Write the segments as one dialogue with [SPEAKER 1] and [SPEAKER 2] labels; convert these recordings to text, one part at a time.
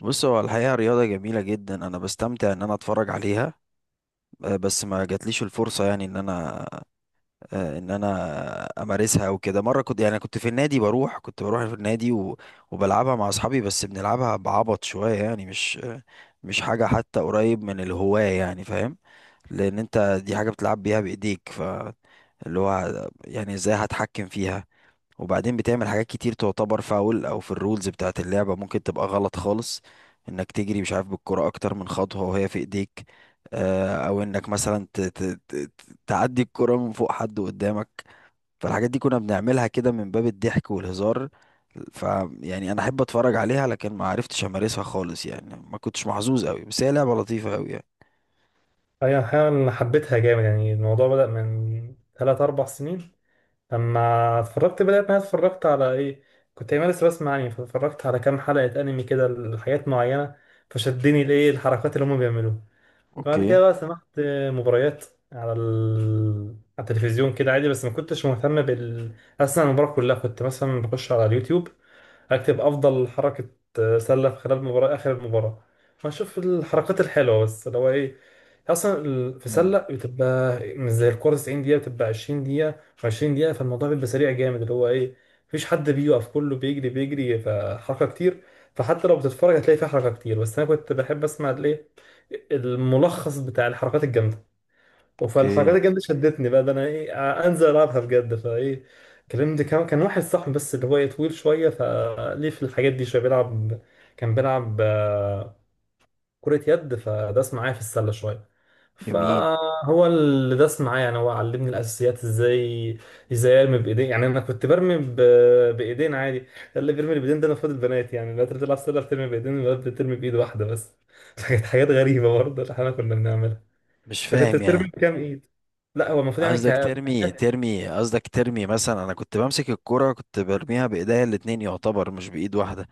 [SPEAKER 1] بص، هو الحقيقة رياضة جميلة جدا، أنا بستمتع إن أنا أتفرج عليها. بس ما جاتليش الفرصة يعني إن أنا أمارسها أو كده. مرة كنت في النادي، كنت بروح في النادي و... وبلعبها مع أصحابي، بس بنلعبها بعبط شوية، يعني مش حاجة حتى قريب من الهواية، يعني فاهم؟ لأن أنت دي حاجة بتلعب بيها بإيديك، فاللي هو يعني إزاي هتحكم فيها؟ وبعدين بتعمل حاجات كتير تعتبر فاول، او في الرولز بتاعة اللعبة ممكن تبقى غلط خالص، انك تجري مش عارف بالكرة اكتر من خطوة وهي في ايديك، او انك مثلا تعدي الكرة من فوق حد قدامك. فالحاجات دي كنا بنعملها كده من باب الضحك والهزار. ف يعني انا احب اتفرج عليها، لكن ما عرفتش امارسها خالص، يعني ما كنتش محظوظ قوي، بس هي لعبة لطيفة قوي يعني.
[SPEAKER 2] أي، أحيانا أنا حبيتها جامد. يعني الموضوع بدأ من ثلاث أربع سنين لما اتفرجت، بدأت ما اتفرجت على إيه. كنت أيام لسه بسمع أنمي، فاتفرجت على كام حلقة أنمي كده لحاجات معينة، فشدني الإيه الحركات اللي هما بيعملوها. بعد
[SPEAKER 1] اوكي.
[SPEAKER 2] كده بقى سمعت مباريات على ال... على التلفزيون كده عادي، بس ما كنتش مهتم أصلا المباراة كلها. كنت مثلا بخش على اليوتيوب، هكتب افضل حركه سله في خلال المباراه، اخر المباراه، فهشوف الحركات الحلوه. بس اللي هو ايه، في
[SPEAKER 1] امم.
[SPEAKER 2] سله بتبقى مش زي الكوره، 90 دقيقه، بتبقى 20 دقيقه و20 دقيقه، فالموضوع بيبقى سريع جامد. اللي هو ايه، مفيش حد بيقف، كله بيجري بيجري، فحركه كتير. فحتى لو بتتفرج هتلاقي فيها حركه كتير، بس انا كنت بحب اسمع الايه، الملخص بتاع الحركات الجامده. فالحركات
[SPEAKER 1] اوكي.
[SPEAKER 2] الجد شدتني بقى، ده انا ايه، انزل العبها بجد فايه. كلمت كان واحد صاحبي، بس اللي هو إيه طويل شويه، فليه في الحاجات دي شويه، بيلعب، كان بيلعب كرة يد، فداس معايا في السله شويه.
[SPEAKER 1] جميل.
[SPEAKER 2] فهو اللي داس معايا، يعني هو علمني الاساسيات، ازاي ارمي بايدين. يعني انا كنت برمي بايدين عادي. اللي بيرمي بايدين ده المفروض البنات، يعني البنات اللي بتلعب سله بترمي بايدين، الولاد بترمي بايد واحده بس فكانت حاجات غريبه برضه اللي احنا كنا بنعملها.
[SPEAKER 1] مش
[SPEAKER 2] انت كنت
[SPEAKER 1] فاهم يعني.
[SPEAKER 2] بترمي بكام ايد؟ لا، هو المفروض يعني ك
[SPEAKER 1] قصدك ترمي مثلا؟ انا كنت بمسك الكرة، كنت برميها بايديا الاتنين، يعتبر مش بايد واحدة.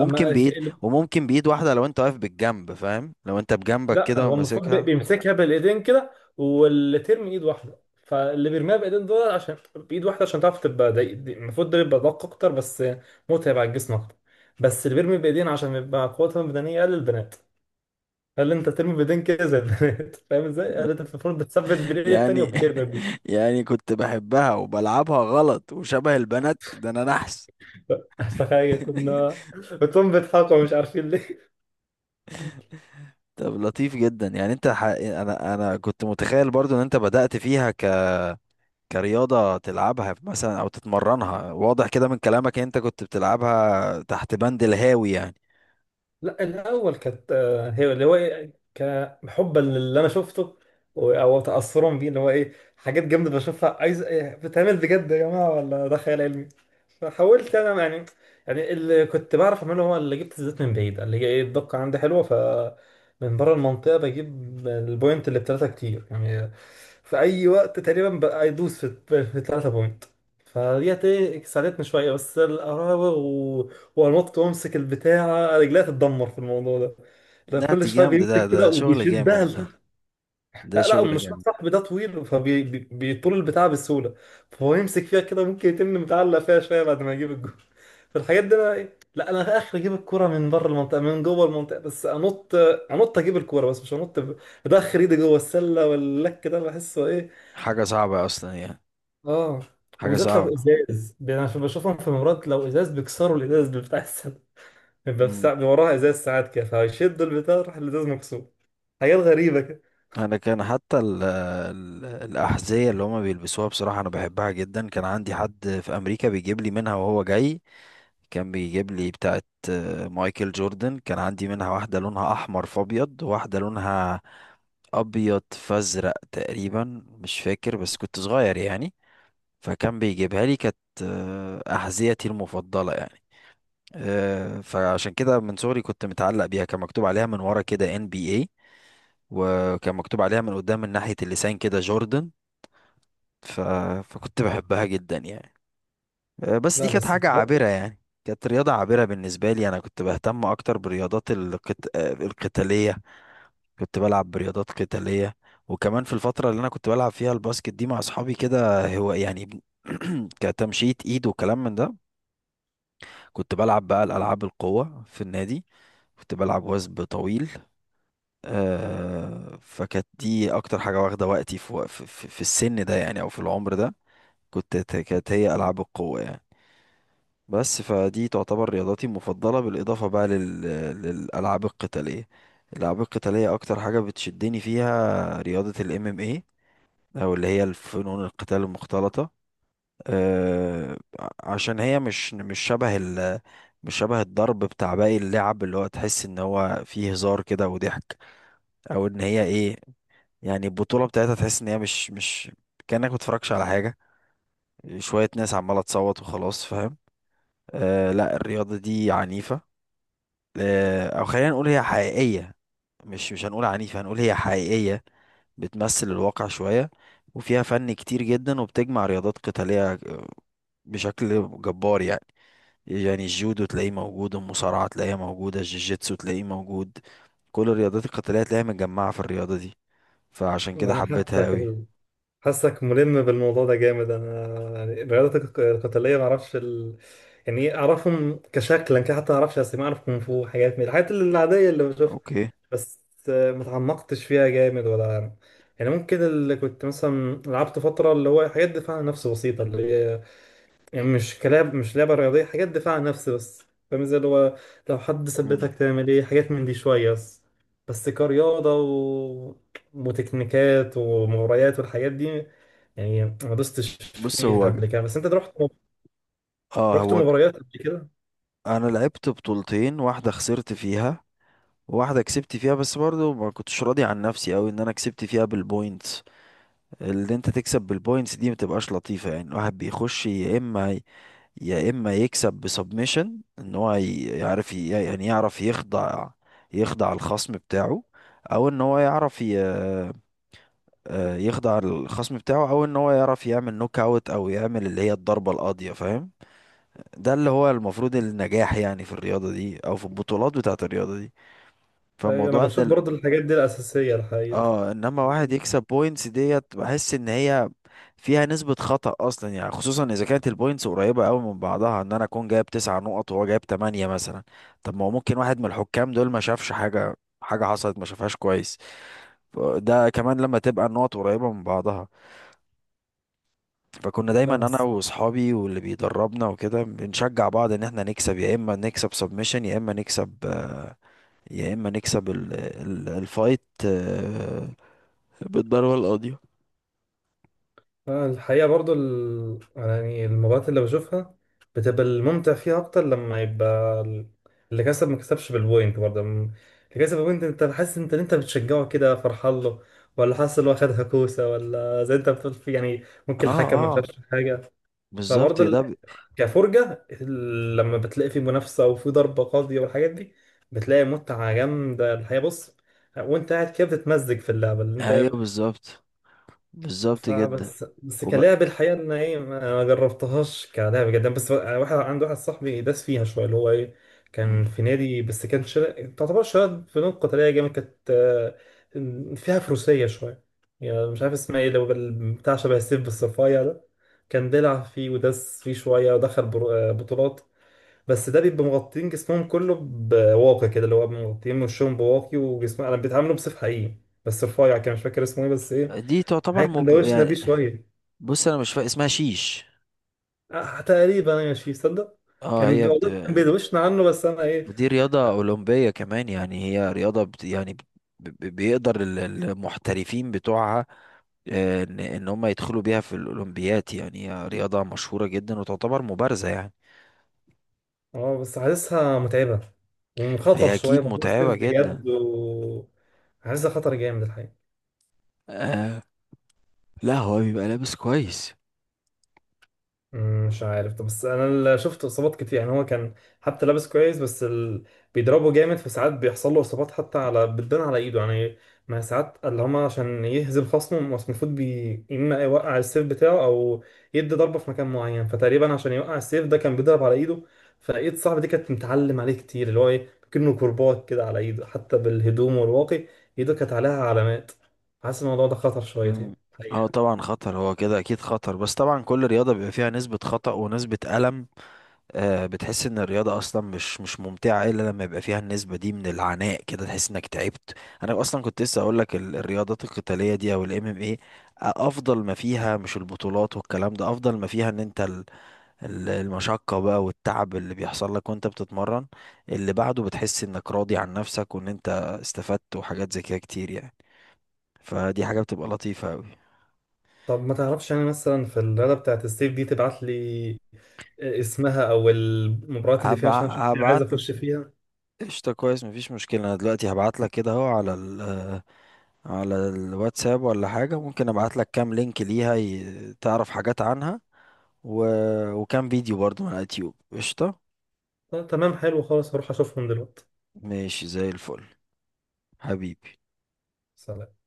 [SPEAKER 2] اما
[SPEAKER 1] بايد وممكن بايد واحدة لو انت واقف بالجنب، فاهم؟ لو انت بجنبك
[SPEAKER 2] لا،
[SPEAKER 1] كده
[SPEAKER 2] هو المفروض
[SPEAKER 1] وماسكها.
[SPEAKER 2] بيمسكها بالايدين كده، واللي ترمي ايد واحده، فاللي بيرميها بايدين دول عشان بايد واحده، عشان تعرف تبقى دي المفروض ده يبقى دقيق اكتر، بس متعب على الجسم اكتر. بس اللي بيرمي بايدين عشان بيبقى قوتهم البدنيه اقل، البنات. قال انت ترمي بايدين كده زي البنات فاهم ازاي؟ قال انت المفروض بتثبت بالايد التانيه
[SPEAKER 1] يعني.
[SPEAKER 2] وبترمي بيه.
[SPEAKER 1] يعني كنت بحبها وبلعبها غلط وشبه البنات، ده انا نحس.
[SPEAKER 2] تخيل كنتم بيضحكوا مش عارفين ليه.
[SPEAKER 1] طب لطيف جدا يعني. انت انا كنت متخيل برضو ان انت بدأت فيها كرياضة تلعبها مثلا أو تتمرنها. واضح كده من كلامك إن أنت كنت بتلعبها تحت بند الهاوي يعني.
[SPEAKER 2] لا، الاول كانت هي اللي هو كحبا للي انا شفته، او تاثرا بيه. اللي هو ايه، حاجات جامده بشوفها، عايز إيه، بتعمل بجد يا جماعه ولا ده خيال علمي؟ فحاولت انا يعني اللي كنت بعرف اعمله هو اللي جبت الزيت من بعيد، اللي هي ايه، الدقه عندي حلوه، من بره المنطقه بجيب البوينت اللي بثلاثه كتير. يعني في اي وقت تقريبا بقى يدوس في ثلاثه بوينت. فديت ايه ساعدتني شويه، بس القراوغ، هو النط وامسك البتاعة، رجليها تتدمر في الموضوع ده. لا،
[SPEAKER 1] لا،
[SPEAKER 2] كل
[SPEAKER 1] دي
[SPEAKER 2] شوية
[SPEAKER 1] جامدة. ده
[SPEAKER 2] بيمسك كده
[SPEAKER 1] ده شغل
[SPEAKER 2] وبيشدها
[SPEAKER 1] جامد ده.
[SPEAKER 2] لتحت.
[SPEAKER 1] ده
[SPEAKER 2] لا، لا،
[SPEAKER 1] شغل
[SPEAKER 2] مش
[SPEAKER 1] جامد.
[SPEAKER 2] صاحبي ده طويل، فبيطول البتاعة بسهولة، فهو يمسك فيها كده، ممكن يتم متعلق فيها شوية بعد ما يجيب الجول. فالحاجات دي انا ايه، لا، انا في اخر اجيب الكرة من بره المنطقة، من جوه المنطقة بس انط اجيب الكرة، بس مش انط ادخل ايدي جوه السلة واللك، ده بحسه ايه.
[SPEAKER 1] حاجة صعبة أصلا يعني.
[SPEAKER 2] اه،
[SPEAKER 1] حاجة
[SPEAKER 2] وبالذات لو
[SPEAKER 1] صعبة.
[SPEAKER 2] ازاز. يعني انا بشوفهم في مرات لو ازاز، بيكسروا الازاز بتاع السلة. بيبقى في ساعة وراها ازاز ساعات كده، فيشد البتاع راح الازاز مكسور. حاجات غريبة كده.
[SPEAKER 1] انا كان حتى ال الاحذيه اللي هما بيلبسوها، بصراحه انا بحبها جدا. كان عندي حد في امريكا بيجيب لي منها وهو جاي، كان بيجيب لي بتاعه، مايكل جوردن. كان عندي منها واحده لونها احمر في ابيض، واحده لونها ابيض فازرق تقريبا، مش فاكر بس كنت صغير يعني. فكان بيجيبها لي، كانت احذيتي المفضله يعني. فعشان كده من صغري كنت متعلق بيها. كان مكتوب عليها من ورا كده NBA، وكان مكتوب عليها من قدام من ناحية اللسان كده جوردن. ف... فكنت بحبها جدا يعني. بس دي
[SPEAKER 2] لا
[SPEAKER 1] كانت
[SPEAKER 2] بس
[SPEAKER 1] حاجة
[SPEAKER 2] بجد،
[SPEAKER 1] عابرة يعني، كانت رياضة عابرة بالنسبة لي. أنا كنت بهتم أكتر برياضات القتالية. كنت بلعب برياضات قتالية، وكمان في الفترة اللي أنا كنت بلعب فيها الباسكت دي مع أصحابي كده، هو يعني كتمشية إيد وكلام من ده. كنت بلعب بقى الألعاب القوة في النادي، كنت بلعب وثب طويل. فكانت دي اكتر حاجه واخده وقتي في السن ده يعني، او في العمر ده. كانت هي العاب القوه يعني. بس فدي تعتبر رياضاتي المفضله، بالاضافه بقى للالعاب القتاليه اكتر حاجه بتشدني فيها رياضه الـMMA، او اللي هي الفنون القتال المختلطه. عشان هي مش شبه الضرب بتاع باقي اللعب، اللي هو تحس ان هو فيه هزار كده وضحك، او ان هي ايه؟ يعني البطولة بتاعتها تحس ان هي مش كأنك متفرجش على حاجة، شوية ناس عمالة تصوت وخلاص، فاهم؟ آه لا، الرياضة دي عنيفة. او خلينا نقول هي حقيقية، مش هنقول عنيفة، هنقول هي حقيقية، بتمثل الواقع شوية. وفيها فن كتير جدا، وبتجمع رياضات قتالية بشكل جبار يعني. يعني الجودو تلاقيه موجود، المصارعة تلاقيها موجودة، الجيجيتسو تلاقيه موجود، كل الرياضات القتالية تلاقيها متجمعة في الرياضة دي، فعشان كده
[SPEAKER 2] انا
[SPEAKER 1] حبيتها قوي.
[SPEAKER 2] حاسك ملم بالموضوع ده جامد. انا يعني الرياضات القتالية ما اعرفش يعني اعرفهم كشكلا كده، حتى ما اعرفش اسامي. اعرف كونغ فو، حاجات من الحاجات العادية اللي بشوفها.
[SPEAKER 1] اوكي.
[SPEAKER 2] بس ما اتعمقتش فيها جامد ولا يعني. يعني ممكن اللي كنت مثلا لعبت فترة اللي هو حاجات دفاع عن النفس بسيطة، اللي هي يعني مش كلاب، مش لعبة رياضية، حاجات دفاع عن نفسي بس. فاهم ازاي، اللي هو لو حد ثبتك تعمل ايه، حاجات من دي شوية. بس كرياضة وتكنيكات ومباريات والحاجات دي، يعني ما دوستش
[SPEAKER 1] بص،
[SPEAKER 2] فيها
[SPEAKER 1] هو ج-
[SPEAKER 2] قبل كده. بس انت رحت
[SPEAKER 1] اه
[SPEAKER 2] رحت
[SPEAKER 1] هو ج-
[SPEAKER 2] مباريات قبل كده.
[SPEAKER 1] انا لعبت بطولتين، واحده خسرت فيها، واحده كسبت فيها، بس برضو ما كنتش راضي عن نفسي قوي ان انا كسبت فيها بالبوينتس. اللي انت تكسب بالبوينتس دي متبقاش لطيفه، يعني الواحد بيخش يا اما يكسب بسبمشن، ان هو ي- يعرف ي- يعني يعرف يخضع، يخضع الخصم بتاعه. او ان هو يعرف يخضع الخصم بتاعه، او ان هو يعرف يعمل نوك اوت او يعمل اللي هي الضربه القاضيه، فاهم؟ ده اللي هو المفروض النجاح يعني في الرياضة دي، او في البطولات بتاعة الرياضة دي.
[SPEAKER 2] أيوة، انا
[SPEAKER 1] فموضوع ان
[SPEAKER 2] بشوف برضه الحاجات دي الأساسية الحقيقة.
[SPEAKER 1] اه، انما واحد يكسب بوينتس ديت، بحس ان هي فيها نسبة خطأ اصلا يعني، خصوصا اذا كانت البوينتس قريبة قوي من بعضها. ان انا اكون جايب 9 نقط وهو جايب 8 مثلا، طب ما هو ممكن واحد من الحكام دول ما شافش حاجة، حاجة حصلت ما شافهاش كويس. ده كمان لما تبقى النقط قريبة من بعضها. فكنا دايما
[SPEAKER 2] لا
[SPEAKER 1] انا
[SPEAKER 2] بس
[SPEAKER 1] واصحابي واللي بيدربنا وكده بنشجع بعض ان احنا نكسب، يا اما نكسب سبمشن، يا اما نكسب يا اما نكسب الفايت بالضربة القاضية.
[SPEAKER 2] الحقيقة برضو يعني المباريات اللي بشوفها بتبقى الممتع فيها أكتر لما يبقى اللي كسب ما كسبش بالبوينت برضه. اللي كسب بالبوينت، أنت حاسس، أنت بتشجعه كده فرحان له، ولا حاسس إن هو خدها كوسة، ولا زي أنت بتقول في يعني
[SPEAKER 1] اه
[SPEAKER 2] ممكن الحكم ما شافش
[SPEAKER 1] اه،
[SPEAKER 2] حاجة؟
[SPEAKER 1] بالظبط.
[SPEAKER 2] فبرضه كفرجة لما بتلاقي في منافسة وفي ضربة قاضية والحاجات دي، بتلاقي متعة جامدة الحقيقة. بص، وأنت قاعد كده بتتمزج في اللعبة اللي
[SPEAKER 1] ايوه
[SPEAKER 2] أنت.
[SPEAKER 1] بالظبط، بالظبط جدا.
[SPEAKER 2] فبس
[SPEAKER 1] وبقى
[SPEAKER 2] كلعب الحقيقة، إن إيه، ما جربتهاش كلعب جدا. بس واحد، عند واحد صاحبي داس فيها شوية، اللي هو إيه، كان في نادي، بس كان تعتبر شوية فنون قتالية جامد، كانت فيها فروسية شوية. يعني مش عارف اسمها إيه، لو بتاع شبه السيف الصفايع ده. كان بيلعب فيه وداس فيه شوية، ودخل بطولات. بس ده بيبقى مغطين جسمهم كله بواقي كده، اللي هو مغطين وشهم بواقي وجسمهم. أنا بيتعاملوا بسيف حقيقي بس رفيع، كان مش فاكر اسمه إيه، بس إيه، هي كان دوشنا بيه
[SPEAKER 1] يعني،
[SPEAKER 2] شويه.
[SPEAKER 1] بص انا مش فاهم اسمها شيش.
[SPEAKER 2] آه تقريبا، ماشي، صدق.
[SPEAKER 1] اه،
[SPEAKER 2] كان
[SPEAKER 1] هي
[SPEAKER 2] والله كان بيدوشنا عنه، بس انا ايه.
[SPEAKER 1] دي رياضة أولمبية كمان، يعني هي رياضة بيقدر المحترفين بتوعها ان هم يدخلوا بيها في الاولمبيات، يعني هي رياضة مشهورة جدا وتعتبر مبارزة يعني.
[SPEAKER 2] اه بس حاسسها متعبة ومخاطر
[SPEAKER 1] هي
[SPEAKER 2] شوية،
[SPEAKER 1] اكيد
[SPEAKER 2] موضوع ستيف
[SPEAKER 1] متعبة
[SPEAKER 2] بجد
[SPEAKER 1] جدا.
[SPEAKER 2] حاسسها خطر جامد الحقيقة.
[SPEAKER 1] آه، لا هو بيبقى لابس كويس.
[SPEAKER 2] مش عارف. طب بس انا اللي شفت اصابات كتير. يعني هو كان حتى لابس كويس، بس بيضربه جامد، فساعات بيحصل له اصابات، حتى بتبان على ايده يعني. ما ساعات اللي هما عشان يهزم خصمه، بس المفروض اما يوقع السيف بتاعه او يدي ضربه في مكان معين، فتقريبا عشان يوقع السيف ده كان بيضرب على ايده، فايد صاحبي دي كانت متعلم عليه كتير، اللي هو ايه كأنه كرباج كده على ايده، حتى بالهدوم والواقي ايده كانت عليها علامات. حاسس الموضوع ده خطر شويتين.
[SPEAKER 1] مم. اه طبعا خطر، هو كده اكيد خطر، بس طبعا كل رياضة بيبقى فيها نسبة خطأ ونسبة ألم. بتحس ان الرياضة اصلا مش ممتعة الا لما يبقى فيها النسبة دي من العناء كده، تحس انك تعبت. انا اصلا كنت لسه اقول لك الرياضات القتالية دي، او الـMMA، افضل ما فيها مش البطولات والكلام ده، افضل ما فيها ان انت المشقة بقى والتعب اللي بيحصل لك وانت بتتمرن، اللي بعده بتحس انك راضي عن نفسك وان انت استفدت وحاجات زي كده كتير يعني. فدي حاجة بتبقى لطيفة أوي.
[SPEAKER 2] طب ما تعرفش انا مثلا في الرياضه بتاعت الصيف دي، تبعت لي اسمها او المباريات اللي فيها
[SPEAKER 1] هبع...
[SPEAKER 2] عشان اشوف لي، عايز
[SPEAKER 1] هبعت.
[SPEAKER 2] اخش فيها.
[SPEAKER 1] قشطة، كويس مفيش مشكلة. أنا دلوقتي هبعت لك كده أهو على على الواتساب ولا حاجة. ممكن أبعت لك كام لينك ليها تعرف حاجات عنها، و... وكام فيديو برضو من على اليوتيوب. قشطة.
[SPEAKER 2] طب تمام، حلو خالص، هروح اشوفهم دلوقتي.
[SPEAKER 1] ماشي زي الفل حبيبي.
[SPEAKER 2] سلام.